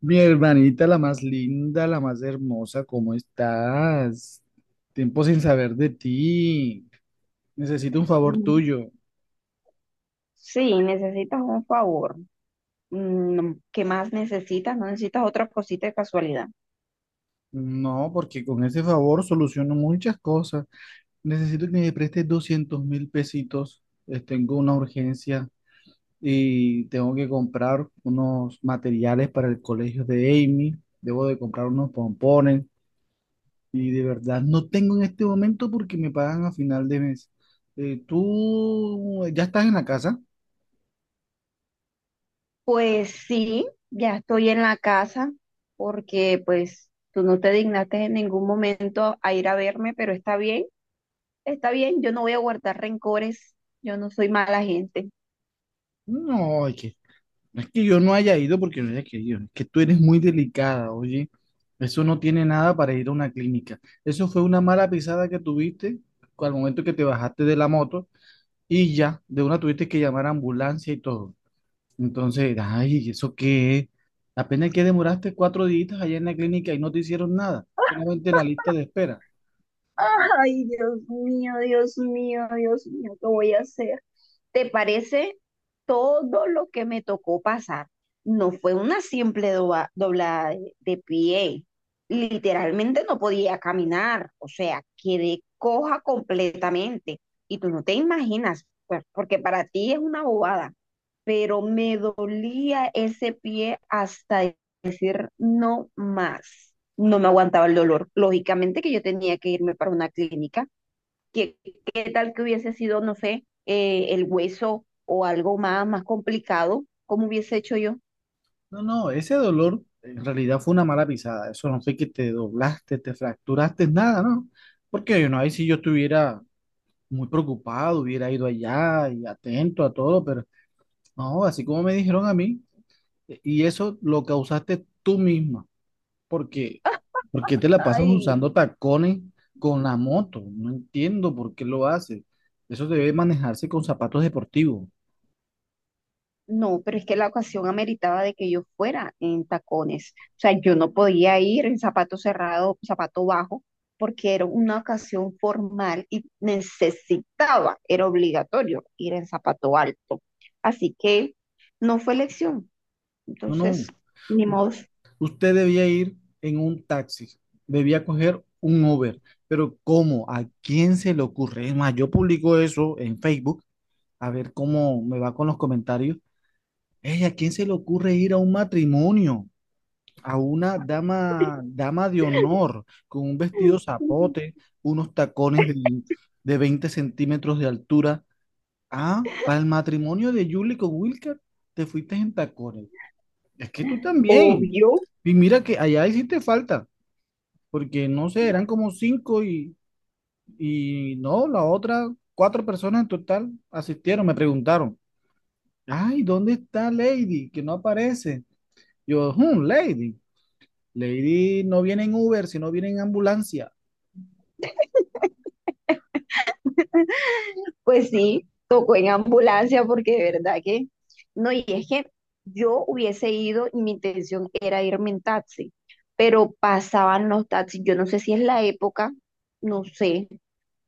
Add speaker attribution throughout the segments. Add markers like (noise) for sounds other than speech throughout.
Speaker 1: Mi hermanita, la más linda, la más hermosa, ¿cómo estás? Tiempo sin saber de ti. Necesito un favor
Speaker 2: Mm,
Speaker 1: tuyo.
Speaker 2: sí, necesitas un favor. ¿Qué más necesitas? ¿No necesitas otra cosita de casualidad?
Speaker 1: No, porque con ese favor soluciono muchas cosas. Necesito que me prestes 200.000 pesitos. Tengo una urgencia y tengo que comprar unos materiales para el colegio de Amy. Debo de comprar unos pompones y de verdad no tengo en este momento porque me pagan a final de mes. ¿Tú ya estás en la casa?
Speaker 2: Pues sí, ya estoy en la casa porque pues tú no te dignaste en ningún momento a ir a verme, pero está bien, yo no voy a guardar rencores, yo no soy mala gente.
Speaker 1: No, no es que yo no haya ido porque no haya querido, es que tú eres muy delicada, oye. Eso no tiene nada para ir a una clínica. Eso fue una mala pisada que tuviste al momento que te bajaste de la moto y ya, de una tuviste que llamar a ambulancia y todo. Entonces, ay, ¿eso qué es? Apenas que demoraste 4 días allá en la clínica y no te hicieron nada, solamente la lista de espera.
Speaker 2: Ay, Dios mío, Dios mío, Dios mío, ¿qué voy a hacer? ¿Te parece todo lo que me tocó pasar? No fue una simple doblada de pie. Literalmente no podía caminar, o sea, quedé coja completamente. Y tú no te imaginas, pues, porque para ti es una bobada, pero me dolía ese pie hasta decir no más. No me aguantaba el dolor. Lógicamente que yo tenía que irme para una clínica. ¿Qué, qué tal que hubiese sido, no sé, el hueso o algo más complicado? ¿Cómo hubiese hecho yo?
Speaker 1: No, no, ese dolor en realidad fue una mala pisada. Eso no fue que te doblaste, te fracturaste, nada, ¿no? Porque, no ahí si yo estuviera muy preocupado, hubiera ido allá y atento a todo, pero no, así como me dijeron a mí, y eso lo causaste tú misma. Porque, porque te la pasas
Speaker 2: Ay,
Speaker 1: usando tacones con la moto. No entiendo por qué lo haces. Eso debe manejarse con zapatos deportivos.
Speaker 2: no, pero es que la ocasión ameritaba de que yo fuera en tacones. O sea, yo no podía ir en zapato cerrado, zapato bajo, porque era una ocasión formal y necesitaba, era obligatorio ir en zapato alto. Así que no fue elección.
Speaker 1: No,
Speaker 2: Entonces,
Speaker 1: no.
Speaker 2: ni modo.
Speaker 1: Usted debía ir en un taxi, debía coger un Uber, pero ¿cómo? ¿A quién se le ocurre? Es más, yo publico eso en Facebook, a ver cómo me va con los comentarios. Ey, ¿a quién se le ocurre ir a un matrimonio? A una dama, dama de honor, con un vestido zapote, unos tacones de 20 centímetros de altura. Ah, para el matrimonio de Julie con Wilker, te fuiste en tacones. Es que tú también.
Speaker 2: Obvio.
Speaker 1: Y mira que allá hiciste falta porque no sé, eran como cinco y no, la otra, cuatro personas en total asistieron, me preguntaron, ay, ¿dónde está Lady? Que no aparece. Yo, "Hmm, Lady, Lady no viene en Uber, sino viene en ambulancia."
Speaker 2: Pues sí, tocó en ambulancia porque de verdad que no, y es que yo hubiese ido y mi intención era irme en taxi, pero pasaban los taxis, yo no sé si es la época, no sé,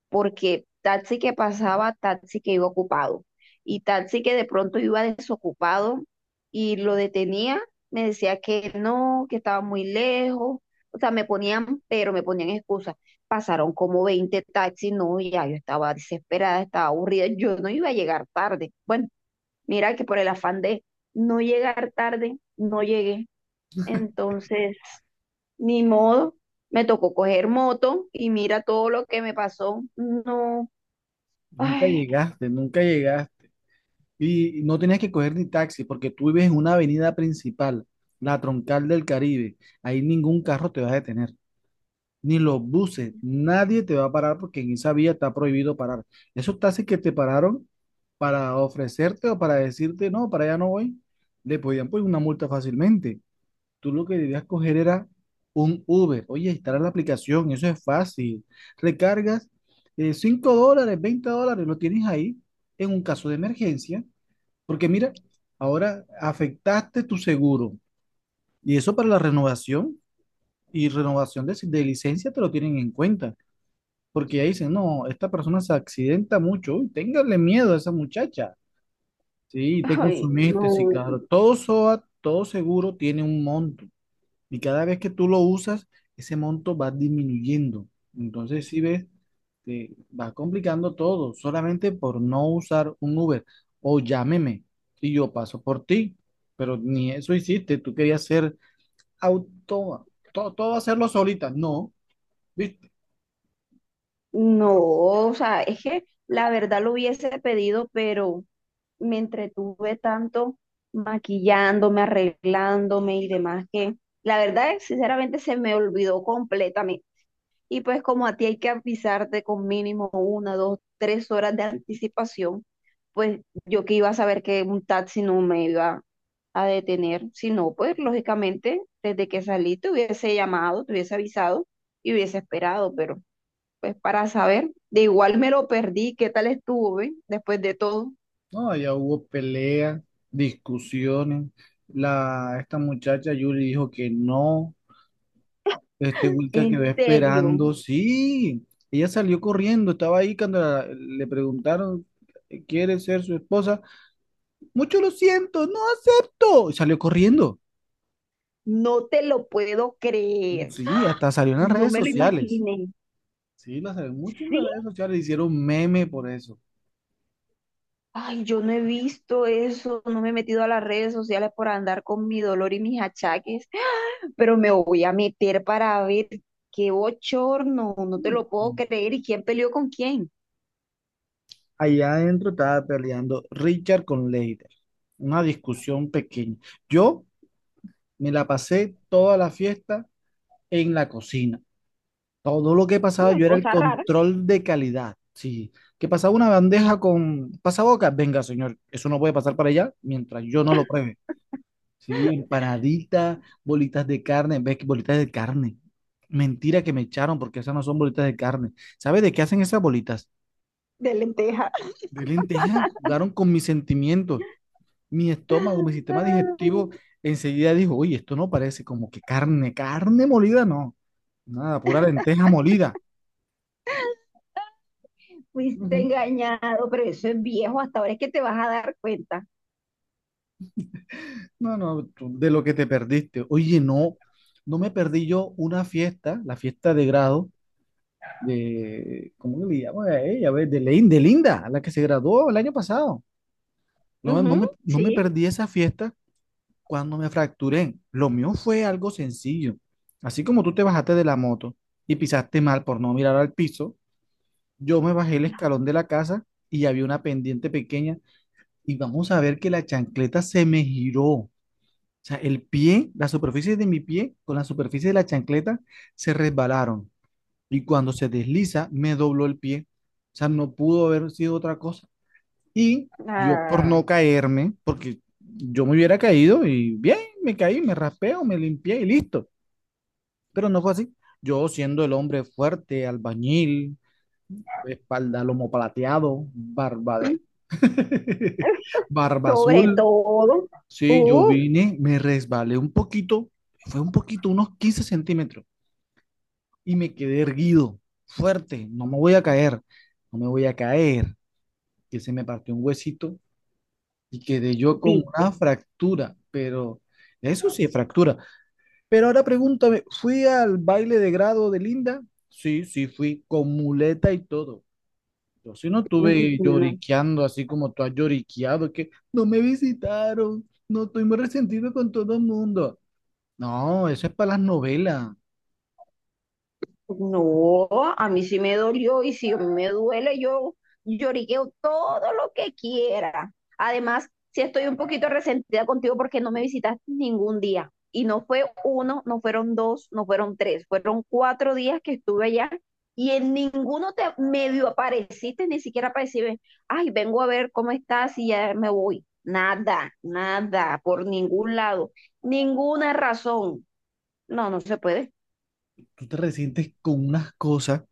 Speaker 2: porque taxi que pasaba, taxi que iba ocupado. Y taxi que de pronto iba desocupado y lo detenía, me decía que no, que estaba muy lejos. O sea, me ponían, pero me ponían excusas. Pasaron como 20 taxis, no, ya yo estaba desesperada, estaba aburrida, yo no iba a llegar tarde. Bueno, mira que por el afán de no llegar tarde, no llegué. Entonces, ni modo, me tocó coger moto y mira todo lo que me pasó. No.
Speaker 1: Nunca
Speaker 2: Ay,
Speaker 1: llegaste, nunca llegaste. Y no tenías que coger ni taxi porque tú vives en una avenida principal, la troncal del Caribe. Ahí ningún carro te va a detener. Ni los buses, nadie te va a parar porque en esa vía está prohibido parar. Esos taxis que te pararon para ofrecerte o para decirte, no, para allá no voy, le podían poner una multa fácilmente. Tú lo que debías coger era un Uber. Oye, instala la aplicación, eso es fácil. Recargas $5, $20, lo tienes ahí en un caso de emergencia, porque mira, ahora afectaste tu seguro y eso para la renovación y renovación de licencia te lo tienen en cuenta porque ya dicen, no, esta persona se accidenta mucho, uy, téngale miedo a esa muchacha. Sí, te
Speaker 2: ay,
Speaker 1: consumiste, sí,
Speaker 2: no,
Speaker 1: claro. Todo SOAT, todo seguro tiene un monto y cada vez que tú lo usas, ese monto va disminuyendo. Entonces, si ves, te va complicando todo, solamente por no usar un Uber o llámeme y yo paso por ti, pero ni eso hiciste, tú querías ser auto, todo, todo hacerlo solita, no. ¿Viste?
Speaker 2: no, o sea, es que la verdad lo hubiese pedido, pero me entretuve tanto maquillándome, arreglándome y demás que la verdad, sinceramente, se me olvidó completamente. Y pues como a ti hay que avisarte con mínimo una, dos, tres horas de anticipación, pues yo que iba a saber que un taxi no me iba a detener, si no, pues lógicamente desde que salí te hubiese llamado, te hubiese avisado y hubiese esperado, pero pues para saber, de igual me lo perdí, ¿qué tal estuve después de todo?
Speaker 1: No, ya hubo peleas, discusiones. La, esta muchacha Yuri dijo que no. Este Wilka
Speaker 2: En
Speaker 1: quedó
Speaker 2: serio,
Speaker 1: esperando. Sí, ella salió corriendo. Estaba ahí cuando le preguntaron, ¿quiere ser su esposa? Mucho lo siento, no acepto. Y salió corriendo.
Speaker 2: no te lo puedo creer,
Speaker 1: Sí, hasta salió en las
Speaker 2: no
Speaker 1: redes
Speaker 2: me lo
Speaker 1: sociales.
Speaker 2: imaginé.
Speaker 1: Sí, la salió mucho en las
Speaker 2: Sí,
Speaker 1: redes sociales. Hicieron meme por eso.
Speaker 2: ay, yo no he visto eso, no me he metido a las redes sociales por andar con mi dolor y mis achaques, pero me voy a meter para ver qué bochorno, no te lo puedo
Speaker 1: Mm.
Speaker 2: creer, y quién peleó con quién.
Speaker 1: Allá adentro estaba peleando Richard con Leiter. Una discusión pequeña. Yo. Me la pasé toda la fiesta en la cocina. Todo lo que pasaba,
Speaker 2: Una
Speaker 1: yo era el
Speaker 2: cosa rara
Speaker 1: control de calidad. Sí, que pasaba una bandeja con pasabocas. Venga, señor, eso no puede pasar para allá mientras yo no lo pruebe. Sí, empanaditas, bolitas de carne. ¿Ves que bolitas de carne? Mentira que me echaron porque esas no son bolitas de carne. ¿Sabes de qué hacen esas bolitas?
Speaker 2: de lenteja.
Speaker 1: De lenteja. Jugaron con mis sentimientos, mi estómago, mi sistema digestivo. Enseguida dijo, oye, esto no parece como que carne, carne molida, no. Nada, pura lenteja
Speaker 2: (laughs)
Speaker 1: molida.
Speaker 2: Fuiste
Speaker 1: Ujú.
Speaker 2: engañado, pero eso es viejo, hasta ahora es que te vas a dar cuenta.
Speaker 1: No, no, de lo que te perdiste. Oye, no, no me perdí yo una fiesta, la fiesta de grado de, ¿cómo que le llaman a ella? A ver, de Linda, la que se graduó el año pasado. No,
Speaker 2: Ujú,
Speaker 1: no me
Speaker 2: sí.
Speaker 1: perdí esa fiesta cuando me fracturé. Lo mío fue algo sencillo. Así como tú te bajaste de la moto y pisaste mal por no mirar al piso, yo me bajé el escalón de la casa y había una pendiente pequeña y vamos a ver que la chancleta se me giró. O sea, el pie, la superficie de mi pie con la superficie de la chancleta se resbalaron. Y cuando se desliza, me dobló el pie. O sea, no pudo haber sido otra cosa. Y yo por
Speaker 2: Ay.
Speaker 1: no caerme, porque yo me hubiera caído y bien, me caí, me raspeo, me limpié y listo. Pero no fue así. Yo siendo el hombre fuerte, albañil, espalda lomo plateado, barba de... (laughs)
Speaker 2: (laughs)
Speaker 1: barba
Speaker 2: Sobre
Speaker 1: azul.
Speaker 2: todo,
Speaker 1: Sí, yo
Speaker 2: uff,
Speaker 1: vine, me resbalé un poquito, fue un poquito, unos 15 centímetros, y me quedé erguido, fuerte, no me voy a caer, no me voy a caer, que se me partió un huesito y quedé yo con una
Speaker 2: viste,
Speaker 1: fractura, pero eso sí es fractura. Pero ahora pregúntame, ¿fui al baile de grado de Linda? Sí, sí, fui con muleta y todo. Yo sí no
Speaker 2: uy,
Speaker 1: estuve
Speaker 2: no.
Speaker 1: lloriqueando así como tú has lloriqueado, que no me visitaron, no estoy muy resentido con todo el mundo. No, eso es para las novelas.
Speaker 2: No, a mí sí me dolió y si a mí me duele, yo lloriqueo todo lo que quiera. Además, sí estoy un poquito resentida contigo porque no me visitaste ningún día. Y no fue uno, no fueron dos, no fueron tres, fueron 4 días que estuve allá y en ninguno te medio apareciste, ni siquiera para decirme, ay, vengo a ver cómo estás y ya me voy. Nada, nada, por ningún lado, ninguna razón. No, no se puede.
Speaker 1: Tú te resientes con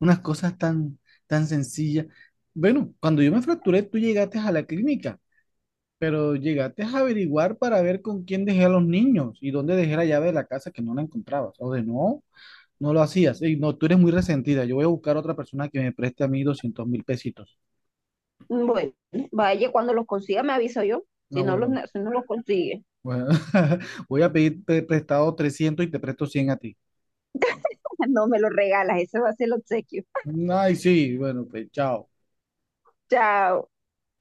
Speaker 1: unas cosas tan, tan sencillas. Bueno, cuando yo me fracturé, tú llegaste a la clínica, pero llegaste a averiguar para ver con quién dejé a los niños y dónde dejé la llave de la casa que no la encontrabas. O de no, no lo hacías. Ey, no, tú eres muy resentida. Yo voy a buscar a otra persona que me preste a mí 200.000 pesitos.
Speaker 2: Bueno, vaya, cuando los consiga me aviso yo. Si
Speaker 1: No,
Speaker 2: no los,
Speaker 1: bueno,
Speaker 2: si no los consigue,
Speaker 1: bueno. (laughs) Voy a pedir prestado 300 y te presto 100 a ti.
Speaker 2: (laughs) no me los regalas. Ese va a ser el obsequio.
Speaker 1: Ay, sí, bueno, pues chao.
Speaker 2: Chao.